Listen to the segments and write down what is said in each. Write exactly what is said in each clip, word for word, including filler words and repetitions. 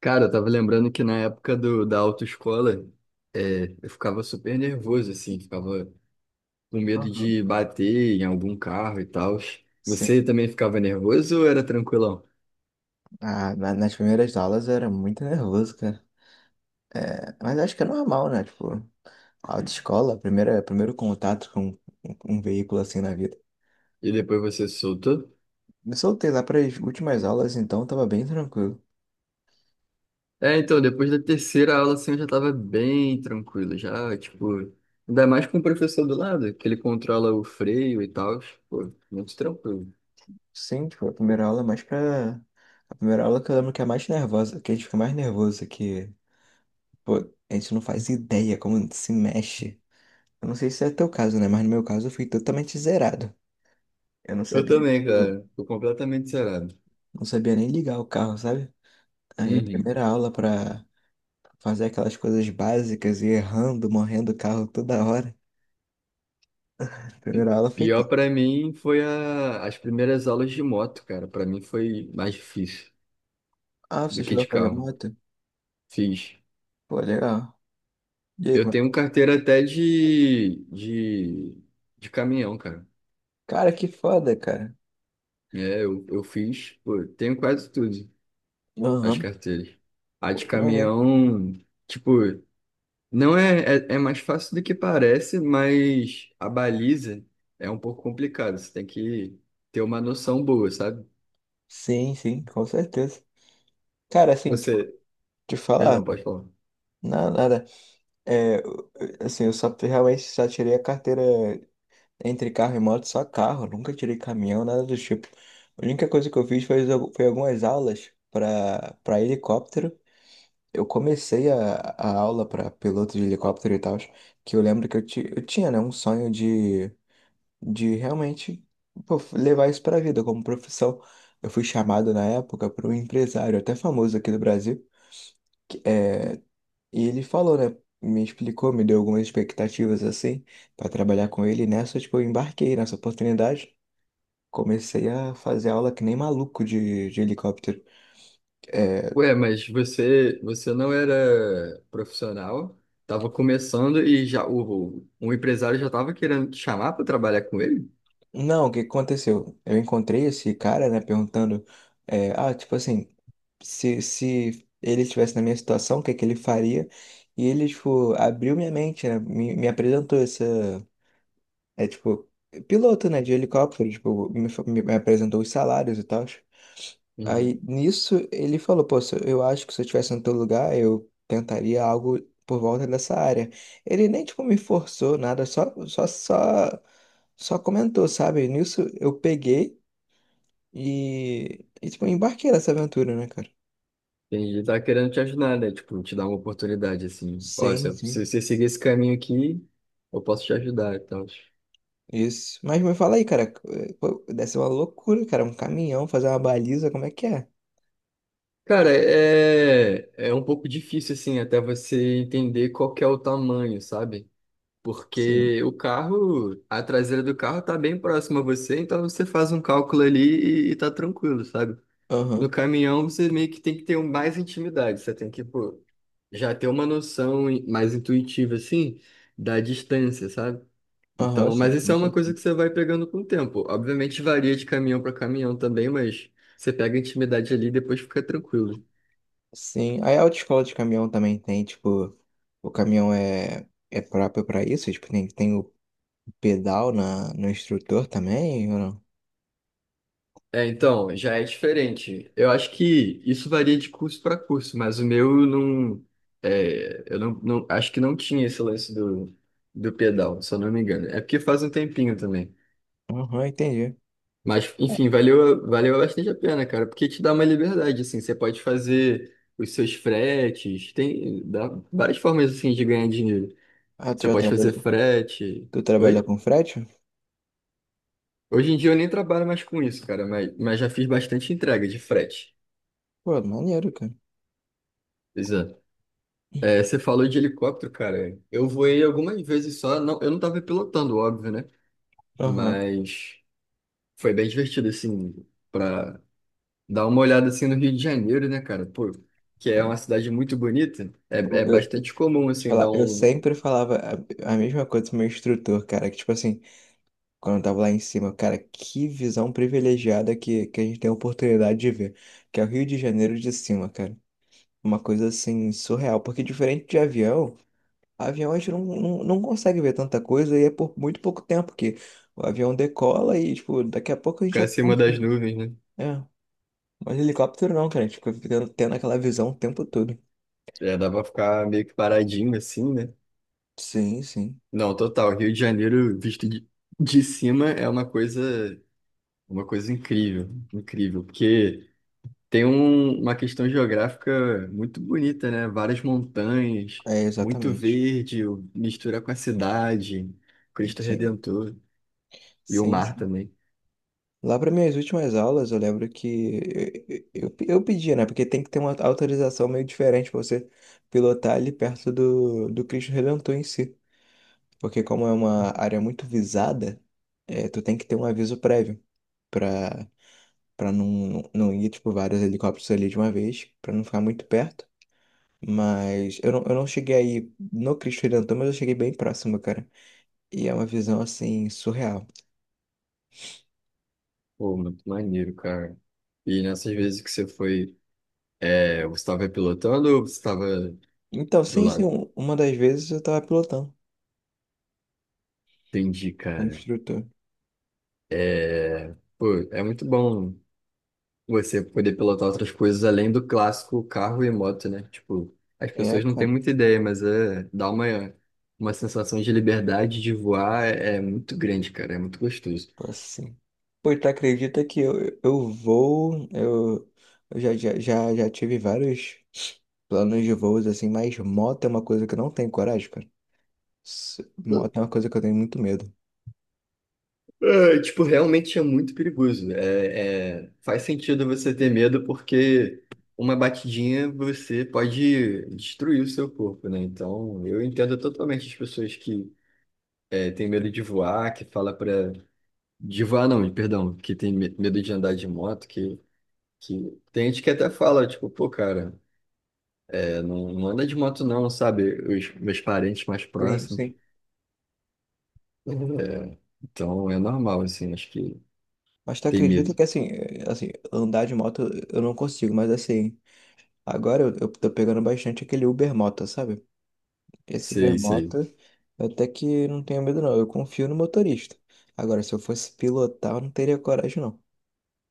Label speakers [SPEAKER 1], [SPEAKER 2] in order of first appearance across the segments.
[SPEAKER 1] Cara, eu tava lembrando que na época do, da autoescola, é, eu ficava super nervoso, assim, ficava com medo
[SPEAKER 2] Aham.
[SPEAKER 1] de bater em algum carro e tal. Você
[SPEAKER 2] Sim.
[SPEAKER 1] também ficava nervoso ou era tranquilão?
[SPEAKER 2] Ah, na- nas primeiras aulas eu era muito nervoso, cara. É, mas acho que é normal, né? Tipo, autoescola, primeira, primeiro contato com um, um veículo assim na vida.
[SPEAKER 1] E depois você se soltou?
[SPEAKER 2] Me soltei lá para as últimas aulas, então tava bem tranquilo.
[SPEAKER 1] É, então, depois da terceira aula, assim, eu já tava bem tranquilo, já, tipo, ainda mais com o professor do lado, que ele controla o freio e tal, pô, muito tranquilo.
[SPEAKER 2] Sim, tipo, a primeira aula é mais pra. A primeira aula que eu lembro que é mais nervosa, que a gente fica mais nervoso, que, pô, a gente não faz ideia como se mexe. Eu não sei se é teu caso, né? Mas no meu caso eu fui totalmente zerado. Eu não
[SPEAKER 1] Eu
[SPEAKER 2] sabia,
[SPEAKER 1] também, cara, tô completamente zerado.
[SPEAKER 2] Não sabia nem ligar o carro, sabe? Aí a
[SPEAKER 1] Uhum.
[SPEAKER 2] primeira aula pra fazer aquelas coisas básicas e errando, morrendo o carro toda hora. A primeira aula foi
[SPEAKER 1] Pior
[SPEAKER 2] tempo.
[SPEAKER 1] pra mim foi a- as primeiras aulas de moto, cara. Pra mim foi mais difícil
[SPEAKER 2] Ah,
[SPEAKER 1] do
[SPEAKER 2] você
[SPEAKER 1] que
[SPEAKER 2] chegou a
[SPEAKER 1] de
[SPEAKER 2] fazer
[SPEAKER 1] carro.
[SPEAKER 2] moto?
[SPEAKER 1] Fiz.
[SPEAKER 2] Pô, legal. E aí,
[SPEAKER 1] Eu
[SPEAKER 2] como é que-
[SPEAKER 1] tenho carteira até de, de, de caminhão, cara.
[SPEAKER 2] Cara, que foda, cara.
[SPEAKER 1] É, eu, eu fiz, pô, tenho quase tudo, as
[SPEAKER 2] Aham.
[SPEAKER 1] carteiras. A
[SPEAKER 2] Pô,
[SPEAKER 1] de
[SPEAKER 2] que maneiro.
[SPEAKER 1] caminhão, tipo, não é, é, é mais fácil do que parece, mas a baliza é um pouco complicada. Você tem que ter uma noção boa, sabe?
[SPEAKER 2] Sim, sim, com certeza. Cara, assim, tipo,
[SPEAKER 1] Você,
[SPEAKER 2] te
[SPEAKER 1] perdão,
[SPEAKER 2] falar,
[SPEAKER 1] pode falar.
[SPEAKER 2] nada, nada. É, eu- eu- assim, eu só realmente só tirei a carteira entre carro e moto, só carro. Nunca tirei caminhão, nada do tipo. A única coisa que eu fiz foi, foi algumas aulas pra, pra helicóptero. Eu comecei a, a aula para piloto de helicóptero e tal, que eu lembro que eu, ti- eu tinha, né, um sonho de, de realmente, pô, levar isso para a vida como profissão. Eu fui chamado na época por um empresário até famoso aqui do Brasil, que, é, e ele falou, né, me explicou, me deu algumas expectativas assim para trabalhar com ele. E nessa, tipo, eu embarquei nessa oportunidade. Comecei a fazer aula que nem maluco de, de helicóptero. É.
[SPEAKER 1] Ué, mas você, você não era profissional, estava começando e já o, um empresário já estava querendo te chamar para trabalhar com ele?
[SPEAKER 2] Não, o que aconteceu? Eu encontrei esse cara, né, perguntando, é, ah, tipo assim, se, se ele estivesse na minha situação, o que é que ele faria? E ele, tipo, abriu minha mente, né, me, me apresentou essa, é, tipo, piloto, né, de helicóptero, tipo, me, fa- me apresentou os salários e tal. Aí
[SPEAKER 1] Uhum.
[SPEAKER 2] nisso ele falou, pô, se eu eu acho que se eu estivesse no teu lugar, eu tentaria algo por volta dessa área. Ele nem, tipo, me forçou nada, só, só, só, só comentou, sabe? Nisso eu peguei e, e tipo, embarquei nessa aventura, né, cara?
[SPEAKER 1] Entendi, tá querendo te ajudar, né? Tipo, te dar uma oportunidade, assim. Ó,
[SPEAKER 2] Sim,
[SPEAKER 1] se,
[SPEAKER 2] sim.
[SPEAKER 1] se você seguir esse caminho aqui, eu posso te ajudar e tal.
[SPEAKER 2] Isso. Mas me fala aí, cara, eh, pô, deve ser uma loucura, cara, um caminhão, fazer uma baliza, como é que é?
[SPEAKER 1] Cara, é, é um pouco difícil, assim, até você entender qual que é o tamanho, sabe?
[SPEAKER 2] Sim.
[SPEAKER 1] Porque o carro, a traseira do carro tá bem próxima a você, então você faz um cálculo ali e, e tá tranquilo, sabe? No
[SPEAKER 2] Aham,
[SPEAKER 1] caminhão, você meio que tem que ter um- mais intimidade. Você tem que, pô, já ter uma noção in- mais intuitiva, assim, da distância, sabe?
[SPEAKER 2] aham,
[SPEAKER 1] Então, mas
[SPEAKER 2] sim,
[SPEAKER 1] isso
[SPEAKER 2] com
[SPEAKER 1] é uma coisa
[SPEAKER 2] certeza.
[SPEAKER 1] que você vai pegando com o tempo. Obviamente varia de caminhão para caminhão também, mas você pega a intimidade ali e depois fica tranquilo.
[SPEAKER 2] Sim, aí a autoescola de caminhão também tem, tipo, o caminhão é, é próprio pra isso, tipo, tem, tem o pedal na, no instrutor também, ou não?
[SPEAKER 1] É, então, já é diferente. Eu acho que isso varia de curso para curso, mas o meu não. É, eu não, não- acho que não tinha esse lance do, do pedal, se eu não me engano. É porque faz um tempinho também.
[SPEAKER 2] Aham, entendi.
[SPEAKER 1] Mas, enfim, valeu, valeu bastante a pena, cara, porque te dá uma liberdade, assim, você pode fazer os seus fretes, tem dá várias formas, assim, de ganhar dinheiro.
[SPEAKER 2] Ah, tu
[SPEAKER 1] Você
[SPEAKER 2] já
[SPEAKER 1] pode fazer
[SPEAKER 2] trabalhou,
[SPEAKER 1] frete,
[SPEAKER 2] tu trabalha
[SPEAKER 1] oi?
[SPEAKER 2] com frete?
[SPEAKER 1] Hoje em dia eu nem trabalho mais com isso, cara, mas, mas já fiz bastante entrega de frete.
[SPEAKER 2] Pô, maneiro, cara.
[SPEAKER 1] Pois é. É, você falou de helicóptero, cara, eu voei algumas vezes só, não, eu não tava pilotando, óbvio, né?
[SPEAKER 2] Aham.
[SPEAKER 1] Mas foi bem divertido, assim, pra dá uma olhada assim no Rio de Janeiro, né, cara? Pô, que é uma cidade muito bonita. É,
[SPEAKER 2] Pô,
[SPEAKER 1] é
[SPEAKER 2] eu, deixa eu
[SPEAKER 1] bastante comum,
[SPEAKER 2] te
[SPEAKER 1] assim, dar
[SPEAKER 2] falar, eu
[SPEAKER 1] um
[SPEAKER 2] sempre falava a, a mesma coisa pro meu instrutor, cara, que tipo assim, quando eu tava lá em cima, cara, que visão privilegiada que, que a gente tem a oportunidade de ver, que é o Rio de Janeiro de cima, cara. Uma coisa assim, surreal. Porque diferente de avião, avião a gente não, não, não consegue ver tanta coisa e é por muito pouco tempo que o avião decola e, tipo, daqui a pouco a gente
[SPEAKER 1] ficar
[SPEAKER 2] já tá.
[SPEAKER 1] acima das nuvens, né?
[SPEAKER 2] É. Mas helicóptero não, cara. A gente fica ficando- tendo aquela visão o tempo todo.
[SPEAKER 1] É, dá pra ficar meio que paradinho, assim, né?
[SPEAKER 2] Sim, sim.
[SPEAKER 1] Não, total. Rio de Janeiro, visto de, de cima, é uma coisa. Uma coisa incrível. Incrível. Porque tem um- uma questão geográfica muito bonita, né? Várias montanhas,
[SPEAKER 2] É,
[SPEAKER 1] muito
[SPEAKER 2] exatamente.
[SPEAKER 1] verde, mistura com a cidade, Cristo
[SPEAKER 2] Sim.
[SPEAKER 1] Redentor e o
[SPEAKER 2] Sim,
[SPEAKER 1] mar
[SPEAKER 2] sim.
[SPEAKER 1] também.
[SPEAKER 2] Lá para minhas últimas aulas, eu lembro que eu, eu, eu pedia, né? Porque tem que ter uma autorização meio diferente para você pilotar ali perto do, do Cristo Redentor em si. Porque como é uma área muito visada, é, tu tem que ter um aviso prévio pra, pra não, não ir, tipo, vários helicópteros ali de uma vez, pra não ficar muito perto. Mas eu não, eu não cheguei aí no Cristo Redentor, mas eu cheguei bem próximo, cara. E é uma visão, assim, surreal.
[SPEAKER 1] Pô, muito maneiro, cara. E nessas vezes que você foi, é, você estava pilotando ou você estava
[SPEAKER 2] Então,
[SPEAKER 1] do
[SPEAKER 2] sim, sim,
[SPEAKER 1] lado?
[SPEAKER 2] um- uma das vezes eu tava pilotando
[SPEAKER 1] Entendi,
[SPEAKER 2] como
[SPEAKER 1] cara.
[SPEAKER 2] instrutor.
[SPEAKER 1] É, pô, é muito bom você poder pilotar outras coisas além do clássico carro e moto, né? Tipo, as
[SPEAKER 2] É,
[SPEAKER 1] pessoas não têm
[SPEAKER 2] cara.
[SPEAKER 1] muita ideia, mas é, dá uma, uma sensação de liberdade de voar é, é muito grande, cara. É muito gostoso.
[SPEAKER 2] Assim, pois tu acredita que eu, eu vou. Eu, eu já, já, já, já tive vários planos de voos assim, mas moto é uma coisa que eu não tenho coragem, cara. S- Moto é uma coisa que eu tenho muito medo.
[SPEAKER 1] É, tipo, realmente é muito perigoso. É, é, faz sentido você ter medo porque uma batidinha você pode destruir o seu corpo, né? Então, eu entendo totalmente as pessoas que é, têm medo de voar, que fala para de voar não, perdão, que tem me- medo de andar de moto, que que tem gente que até fala, tipo, pô, cara, é, não, não anda de moto não, sabe? Os meus parentes mais
[SPEAKER 2] Sim,
[SPEAKER 1] próximos.
[SPEAKER 2] sim.
[SPEAKER 1] É, então, é normal, assim, acho que
[SPEAKER 2] Mas tu
[SPEAKER 1] tem
[SPEAKER 2] acredita
[SPEAKER 1] medo.
[SPEAKER 2] que assim, é, assim, andar de moto eu não consigo, mas assim, agora eu, eu tô pegando bastante aquele Uber Moto, sabe? Esse Uber
[SPEAKER 1] Sei,
[SPEAKER 2] Moto,
[SPEAKER 1] sei.
[SPEAKER 2] eu até que não tenho medo não, eu confio no motorista. Agora, se eu fosse pilotar, eu não teria coragem não.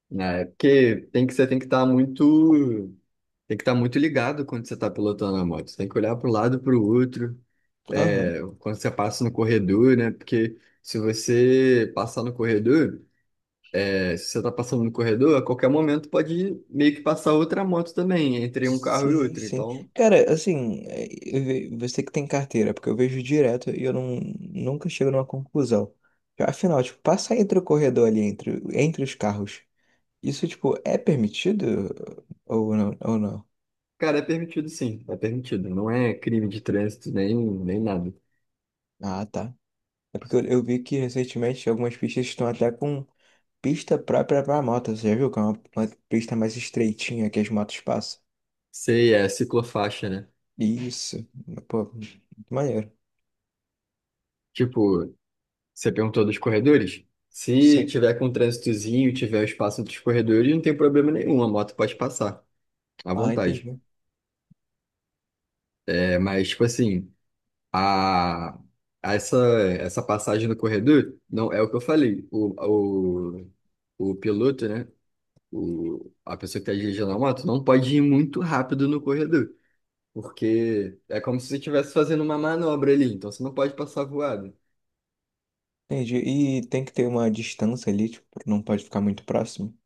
[SPEAKER 1] Né, porque tem que, você tem que estar muito, tem que estar muito ligado quando você está pilotando a moto. Você tem que olhar para o lado, para o outro,
[SPEAKER 2] Aham.
[SPEAKER 1] é, quando você passa no corredor, né? Porque se você passar no corredor, é, se você está passando no corredor, a qualquer momento pode meio que passar outra moto também, entre um carro e
[SPEAKER 2] Sim,
[SPEAKER 1] outro.
[SPEAKER 2] sim.
[SPEAKER 1] Então,
[SPEAKER 2] Cara, assim, é, eu ve- você que tem carteira, porque eu vejo direto e eu não, nunca chego numa conclusão. Afinal, tipo, passar entre o corredor ali, entre, entre os carros, isso, tipo, é permitido ou não? Ou não?
[SPEAKER 1] cara, é permitido sim, é permitido. Não é crime de trânsito nem, nem nada.
[SPEAKER 2] Ah, tá. É porque eu, eu vi que recentemente algumas pistas estão até com pista própria pra moto, você já viu? Que é uma, uma pista mais estreitinha que as motos passam.
[SPEAKER 1] Sei, é ciclofaixa, né?
[SPEAKER 2] Isso. Pô, muito maneiro.
[SPEAKER 1] Tipo, você perguntou dos corredores? Se
[SPEAKER 2] Sim.
[SPEAKER 1] tiver com um trânsitozinho, e tiver o espaço dos corredores, não tem problema nenhum, a moto pode passar, à
[SPEAKER 2] Ah,
[SPEAKER 1] vontade.
[SPEAKER 2] entendi.
[SPEAKER 1] É, mas, tipo assim, a, essa, essa passagem no corredor, não é o que eu falei. O, o, o piloto, né? O, a pessoa que está dirigindo a moto não pode ir muito rápido no corredor, porque é como se você estivesse fazendo uma manobra ali, então você não pode passar voado.
[SPEAKER 2] Entendi. E tem que ter uma distância ali, tipo, não pode ficar muito próximo.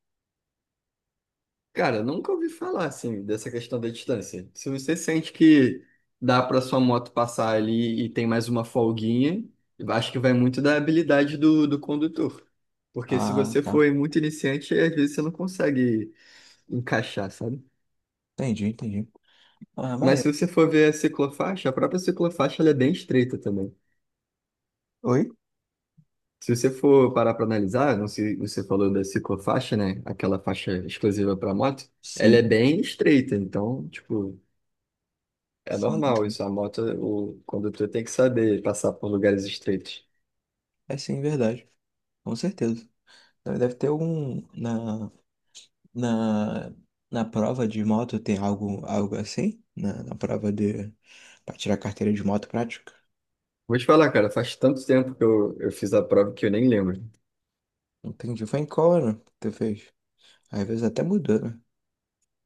[SPEAKER 1] Cara, nunca ouvi falar assim dessa questão da distância. Se você sente que dá para sua moto passar ali e tem mais uma folguinha, eu acho que vai muito da habilidade do, do condutor. Porque se
[SPEAKER 2] Ah,
[SPEAKER 1] você
[SPEAKER 2] tá.
[SPEAKER 1] for muito iniciante, às vezes você não consegue encaixar, sabe?
[SPEAKER 2] Entendi, entendi. Ah,
[SPEAKER 1] Mas
[SPEAKER 2] maneiro.
[SPEAKER 1] se você for ver a ciclofaixa, a própria ciclofaixa ela é bem estreita também.
[SPEAKER 2] Oi?
[SPEAKER 1] Se você for parar para analisar, não sei, você falou da ciclofaixa, né? Aquela faixa exclusiva para moto, ela é
[SPEAKER 2] Sim,
[SPEAKER 1] bem estreita. Então, tipo. É
[SPEAKER 2] sim.
[SPEAKER 1] normal isso. A moto, o condutor tem que saber passar por lugares estreitos.
[SPEAKER 2] É sim, verdade. Com certeza. Deve deve ter algum. Na, na, na prova de moto tem algo, algo assim? Na, na prova de. Pra tirar carteira de moto prática?
[SPEAKER 1] Vou te falar, cara, faz tanto tempo que eu, eu fiz a prova que eu nem lembro.
[SPEAKER 2] Entendi. Foi em qual ano que tu fez? Às vezes até mudou, né?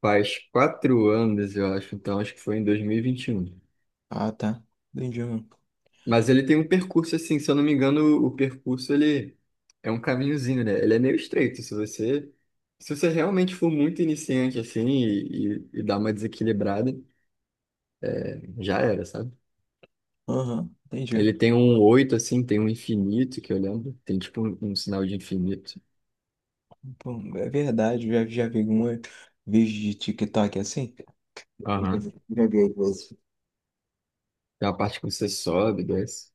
[SPEAKER 1] Faz quatro anos, eu acho, então acho que foi em dois mil e e vinte e um.
[SPEAKER 2] Ah, tá. Entendi, mano.
[SPEAKER 1] Mas ele tem um percurso assim, se eu não me engano, o percurso ele é um caminhozinho, né? Ele é meio estreito. Se você, se você realmente for muito iniciante assim e, e, e dar uma desequilibrada, já era, sabe?
[SPEAKER 2] Aham, entendi.
[SPEAKER 1] Ele tem um oito assim, tem um infinito que eu lembro, tem tipo um, um sinal de infinito.
[SPEAKER 2] Bom, é verdade, já, já vi alguma vídeo de TikTok assim?
[SPEAKER 1] Aham.
[SPEAKER 2] Já vi às vezes.
[SPEAKER 1] Tem uma parte que você sobe, desce.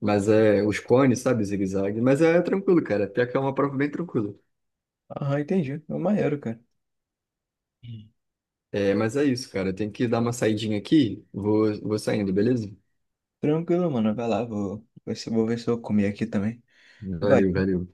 [SPEAKER 1] Mas é os cones, sabe? Zigue-zague. Mas é tranquilo, cara. Até que é uma prova bem tranquila.
[SPEAKER 2] Ah, entendi. É o maneiro, cara. Hum.
[SPEAKER 1] É, mas é isso, cara. Tem que dar uma saidinha aqui. Vou, vou saindo, beleza?
[SPEAKER 2] Tranquilo, mano. Vai lá, vou, vou ver se vou ver se eu comi aqui também. Vai.
[SPEAKER 1] Valeu, valeu.